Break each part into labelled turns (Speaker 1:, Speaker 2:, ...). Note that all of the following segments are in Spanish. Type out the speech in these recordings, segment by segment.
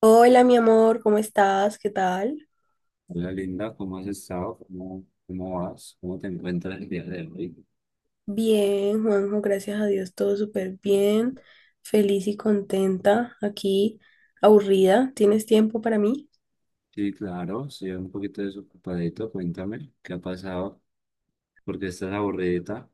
Speaker 1: Hola, mi amor, ¿cómo estás? ¿Qué tal?
Speaker 2: Hola Linda, ¿cómo has estado? ¿Cómo, cómo vas? ¿Cómo te encuentras el día de hoy?
Speaker 1: Bien, Juanjo, gracias a Dios, todo súper bien, feliz y contenta, aquí, aburrida. ¿Tienes tiempo para mí?
Speaker 2: Sí, claro, soy un poquito desocupadito. Cuéntame, ¿qué ha pasado? ¿Por qué estás aburridita?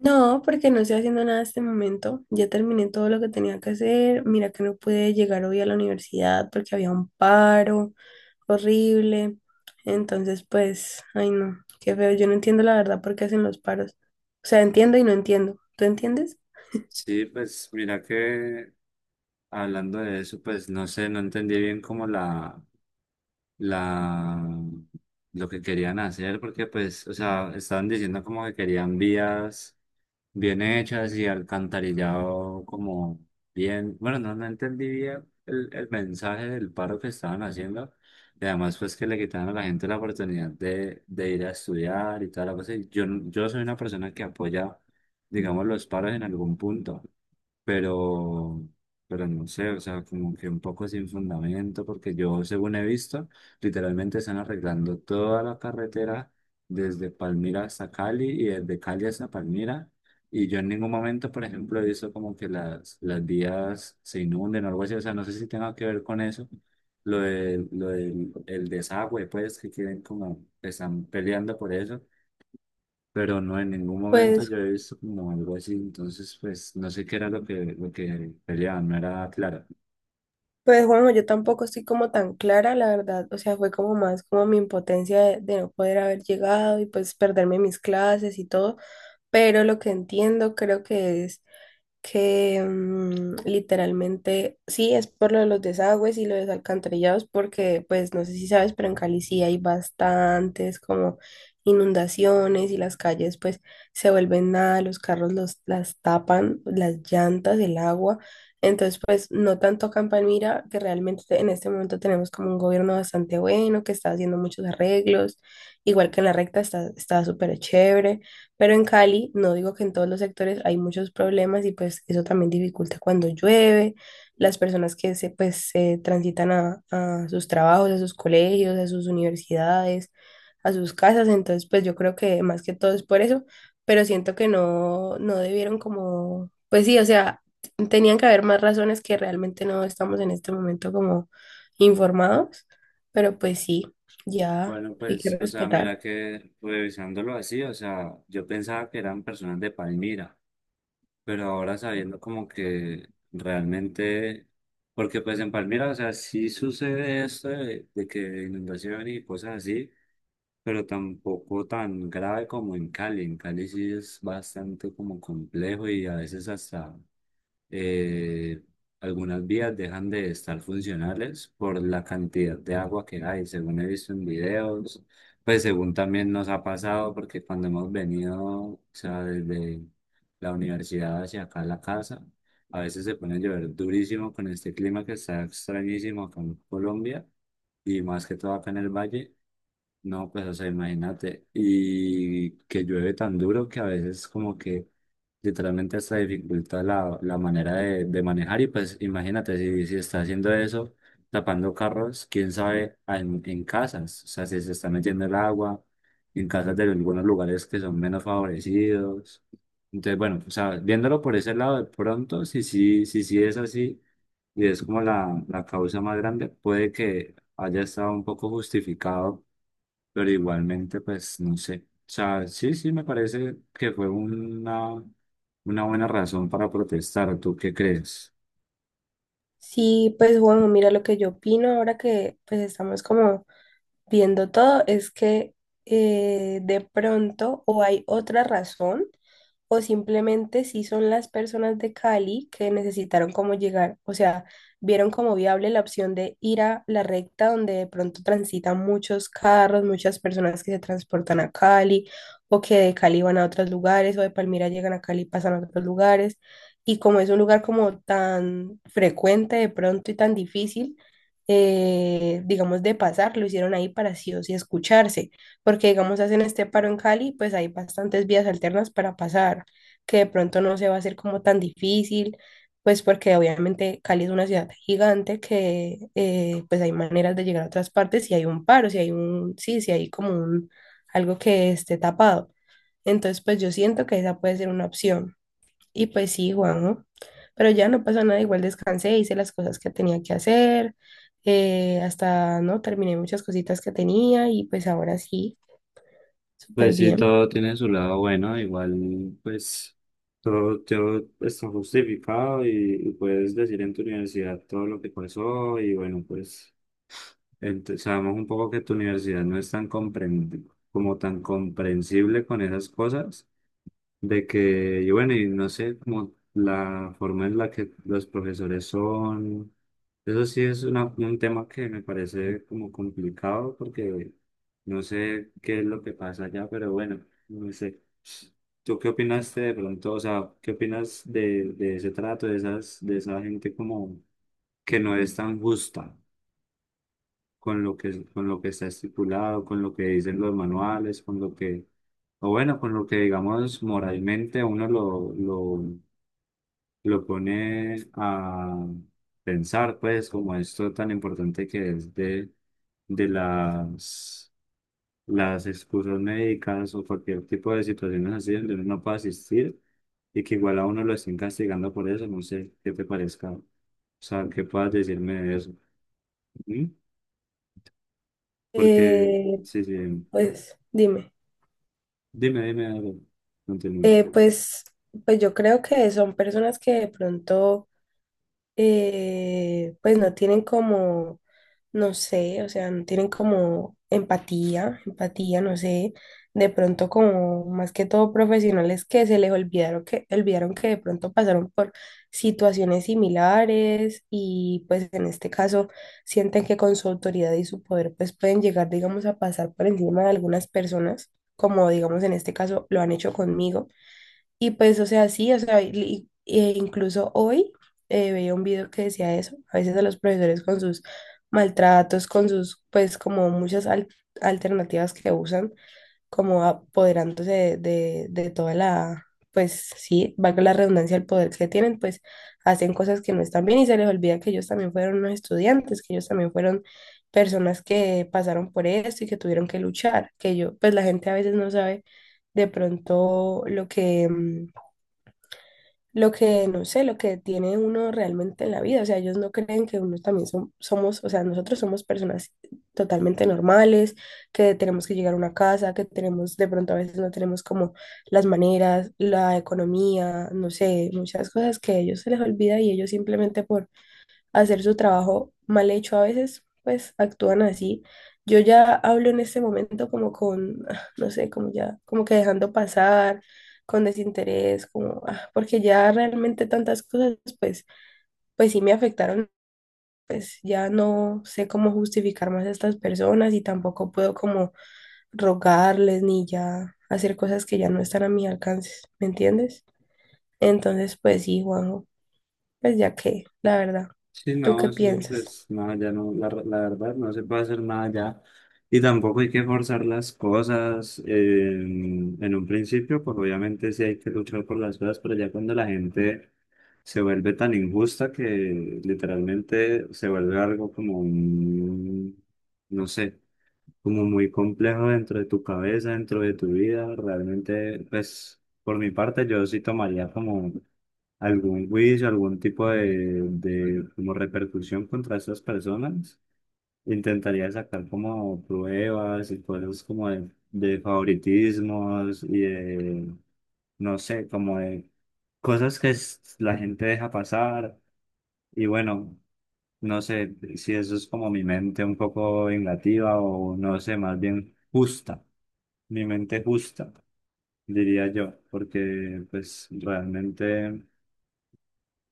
Speaker 1: No, porque no estoy haciendo nada en este momento. Ya terminé todo lo que tenía que hacer. Mira que no pude llegar hoy a la universidad porque había un paro horrible. Entonces, pues, ay no, qué feo. Yo no entiendo la verdad por qué hacen los paros. O sea, entiendo y no entiendo. ¿Tú entiendes?
Speaker 2: Sí, pues mira que hablando de eso, pues no sé, no entendí bien como la, lo que querían hacer, porque pues, o sea, estaban diciendo como que querían vías bien hechas y alcantarillado como bien. Bueno, no, no entendí bien el mensaje del paro que estaban haciendo. Y además, pues que le quitaron a la gente la oportunidad de ir a estudiar y tal. Yo, no- Yo soy una persona que apoya, digamos, los paros en algún punto, pero, pero no sé, o sea, como que un poco sin fundamento, porque yo, según he visto, literalmente están arreglando toda la carretera desde Palmira hasta Cali y desde Cali hasta Palmira. Y yo en ningún momento, por ejemplo, he visto como que las vías se inunden o algo así, o sea, no sé si tenga que ver con eso. Lo del el desagüe, pues, que quieren como, están peleando por eso, pero no, en ningún momento
Speaker 1: Pues
Speaker 2: yo he visto como algo así, entonces pues no sé qué era lo que peleaban, no era claro.
Speaker 1: Pues Juanjo, yo tampoco estoy como tan clara, la verdad. O sea, fue como más como mi impotencia de no poder haber llegado y pues perderme mis clases y todo. Pero lo que entiendo creo que es que literalmente sí es por lo de los desagües y lo de los alcantarillados, porque pues no sé si sabes, pero en Cali sí hay bastantes como inundaciones y las calles pues se vuelven nada, los carros los, las tapan, las llantas, el agua. Entonces, pues no tanto Campamira, que realmente en este momento tenemos como un gobierno bastante bueno, que está haciendo muchos arreglos, igual que en la recta está súper chévere. Pero en Cali, no digo que en todos los sectores hay muchos problemas y pues eso también dificulta cuando llueve, las personas que se, pues, se transitan a sus trabajos, a sus colegios, a sus universidades, a sus casas. Entonces, pues yo creo que más que todo es por eso, pero siento que no, no debieron como, pues sí, o sea, tenían que haber más razones que realmente no estamos en este momento como informados, pero pues sí, ya
Speaker 2: Bueno,
Speaker 1: hay que
Speaker 2: pues, o sea,
Speaker 1: respetar.
Speaker 2: mira que revisándolo así, o sea, yo pensaba que eran personas de Palmira, pero ahora sabiendo como que realmente, porque pues en Palmira, o sea, sí sucede esto de que inundación y cosas así, pero tampoco tan grave como en Cali. En Cali sí es bastante como complejo y a veces hasta eh, algunas vías dejan de estar funcionales por la cantidad de agua que hay, según he visto en videos, pues según también nos ha pasado, porque cuando hemos venido, o sea, desde la universidad hacia acá a la casa, a veces se pone a llover durísimo con este clima que está extrañísimo acá en Colombia y más que todo acá en el valle. No, pues, o sea, imagínate. Y que llueve tan duro que a veces como que literalmente hasta dificulta la manera de manejar. Y pues imagínate, si está haciendo eso, tapando carros, quién sabe en casas. O sea, si se está metiendo el agua en casas de algunos lugares que son menos favorecidos. Entonces, bueno, o sea, viéndolo por ese lado, de pronto, si sí, si, sí es así, y es como la causa más grande, puede que haya estado un poco justificado, pero igualmente, pues no sé. O sea, sí, sí, me parece que fue una buena razón para protestar. ¿Tú qué crees?
Speaker 1: Sí, pues bueno, mira lo que yo opino ahora que pues estamos como viendo todo es que de pronto o hay otra razón o simplemente si son las personas de Cali que necesitaron cómo llegar, o sea, vieron como viable la opción de ir a la recta donde de pronto transitan muchos carros, muchas personas que se transportan a Cali o que de Cali van a otros lugares o de Palmira llegan a Cali y pasan a otros lugares. Y como es un lugar como tan frecuente de pronto y tan difícil, digamos, de pasar, lo hicieron ahí para sí o sí escucharse, porque, digamos, hacen este paro en Cali, pues hay bastantes vías alternas para pasar, que de pronto no se va a hacer como tan difícil, pues porque obviamente Cali es una ciudad gigante que, pues hay maneras de llegar a otras partes si hay un paro, si hay un, sí, si hay como un, algo que esté tapado. Entonces, pues yo siento que esa puede ser una opción. Y pues sí, Juanjo, pero ya no pasó nada, igual descansé, hice las cosas que tenía que hacer, hasta, ¿no? Terminé muchas cositas que tenía y pues ahora sí, súper
Speaker 2: Pues sí,
Speaker 1: bien.
Speaker 2: todo tiene su lado bueno, igual pues todo está justificado, y puedes decir en tu universidad todo lo que pasó y bueno, pues sabemos un poco que tu universidad no es tan como tan comprensible con esas cosas, de que, y bueno, y no sé, como la forma en la que los profesores son, eso sí es un tema que me parece como complicado porque no sé qué es lo que pasa allá, pero bueno, no sé. ¿Tú qué opinaste de pronto? O sea, ¿qué opinas de ese trato, de esa gente como que no es tan justa, con con lo que está estipulado, con lo que dicen los manuales, con lo que, o bueno, con lo que digamos moralmente uno lo pone a pensar, pues, como esto tan importante que es de las excusas médicas o cualquier tipo de situaciones así donde uno no puede asistir y que igual a uno lo estén castigando por eso, no sé qué te parezca, o sea, qué puedas decirme de eso. ¿Mm? Porque
Speaker 1: Eh,
Speaker 2: sí, sí.
Speaker 1: pues dime,
Speaker 2: Dime algo. Continúe.
Speaker 1: eh, pues, pues yo creo que son personas que de pronto... pues no tienen como, no sé, o sea, no tienen como empatía, no sé, de pronto como más que todo profesionales que se les olvidaron que de pronto pasaron por situaciones similares y pues en este caso sienten que con su autoridad y su poder pues pueden llegar, digamos, a pasar por encima de algunas personas, como digamos en este caso lo han hecho conmigo. Y pues, o sea, sí, o sea, e incluso hoy veía un video que decía eso, a veces a los profesores con sus maltratos, con sus, pues, como muchas alternativas que usan, como apoderándose de toda la, pues, sí, valga la redundancia, el poder que tienen, pues, hacen cosas que no están bien y se les olvida que ellos también fueron unos estudiantes, que ellos también fueron personas que pasaron por esto y que tuvieron que luchar, que yo, pues, la gente a veces no sabe de pronto lo que... lo que, no sé, lo que tiene uno realmente en la vida. O sea, ellos no creen que uno también somos, o sea, nosotros somos personas totalmente normales, que tenemos que llegar a una casa, que tenemos, de pronto a veces no tenemos como las maneras, la economía, no sé, muchas cosas que a ellos se les olvida y ellos simplemente por hacer su trabajo mal hecho a veces, pues actúan así. Yo ya hablo en este momento como con, ah, no sé, como ya, como que dejando pasar, con desinterés, como, ah, porque ya realmente tantas cosas, pues, pues sí me afectaron, pues ya no sé cómo justificar más a estas personas y tampoco puedo como rogarles ni ya hacer cosas que ya no están a mi alcance, ¿me entiendes? Entonces, pues sí, Juanjo, pues ya que, la verdad,
Speaker 2: Sí,
Speaker 1: ¿tú qué
Speaker 2: no, eso
Speaker 1: piensas?
Speaker 2: pues nada, ya no, la verdad no se puede hacer nada ya. Y tampoco hay que forzar las cosas, en un principio, pues obviamente sí hay que luchar por las cosas, pero ya cuando la gente se vuelve tan injusta que literalmente se vuelve algo como un, no sé, como muy complejo dentro de tu cabeza, dentro de tu vida, realmente pues por mi parte yo sí tomaría como algún juicio, algún tipo de como repercusión contra esas personas. Intentaría sacar como pruebas y cosas como de favoritismos y de, no sé, como de cosas que la gente deja pasar. Y bueno, no sé si eso es como mi mente un poco vengativa o no sé, más bien justa, mi mente justa, diría yo, porque pues realmente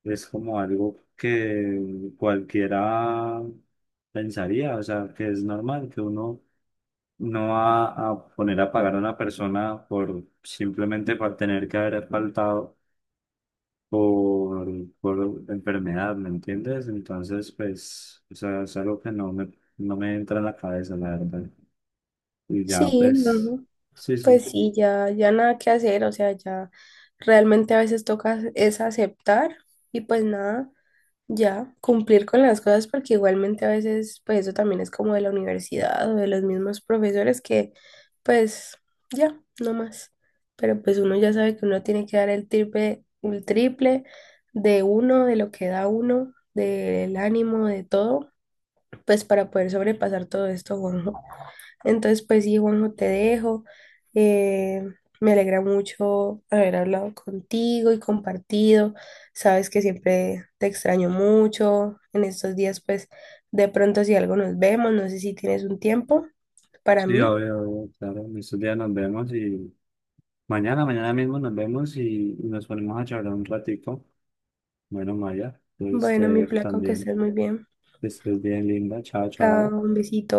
Speaker 2: es como algo que cualquiera pensaría, o sea, que es normal que uno no va a poner a pagar a una persona por simplemente por tener que haber faltado por, por enfermedad, ¿me entiendes? Entonces, pues, o sea, es algo que no me entra en la cabeza, la verdad. Y ya,
Speaker 1: Sí,
Speaker 2: pues,
Speaker 1: no,
Speaker 2: sí, sí.
Speaker 1: pues sí, ya, ya nada que hacer, o sea, ya realmente a veces toca es aceptar y pues nada, ya cumplir con las cosas porque igualmente a veces pues eso también es como de la universidad o de los mismos profesores que pues ya, no más, pero pues uno ya sabe que uno tiene que dar el triple de uno, de lo que da uno, del ánimo, de todo, pues para poder sobrepasar todo esto, Juanjo. Entonces, pues sí, Juanjo, te dejo. Eh, me alegra mucho haber hablado contigo y compartido. Sabes que siempre te extraño mucho. En estos días, pues de pronto si algo nos vemos, no sé si tienes un tiempo para
Speaker 2: Sí,
Speaker 1: mí.
Speaker 2: obvio, obvio, claro, en estos días nos vemos y mañana mismo nos vemos y nos ponemos a charlar un ratico. Bueno, Maya, pues te
Speaker 1: Bueno, mi
Speaker 2: dejo
Speaker 1: flaco, que
Speaker 2: también.
Speaker 1: estés muy bien.
Speaker 2: Que estés bien, linda. Chao,
Speaker 1: Chao,
Speaker 2: chao.
Speaker 1: un besito.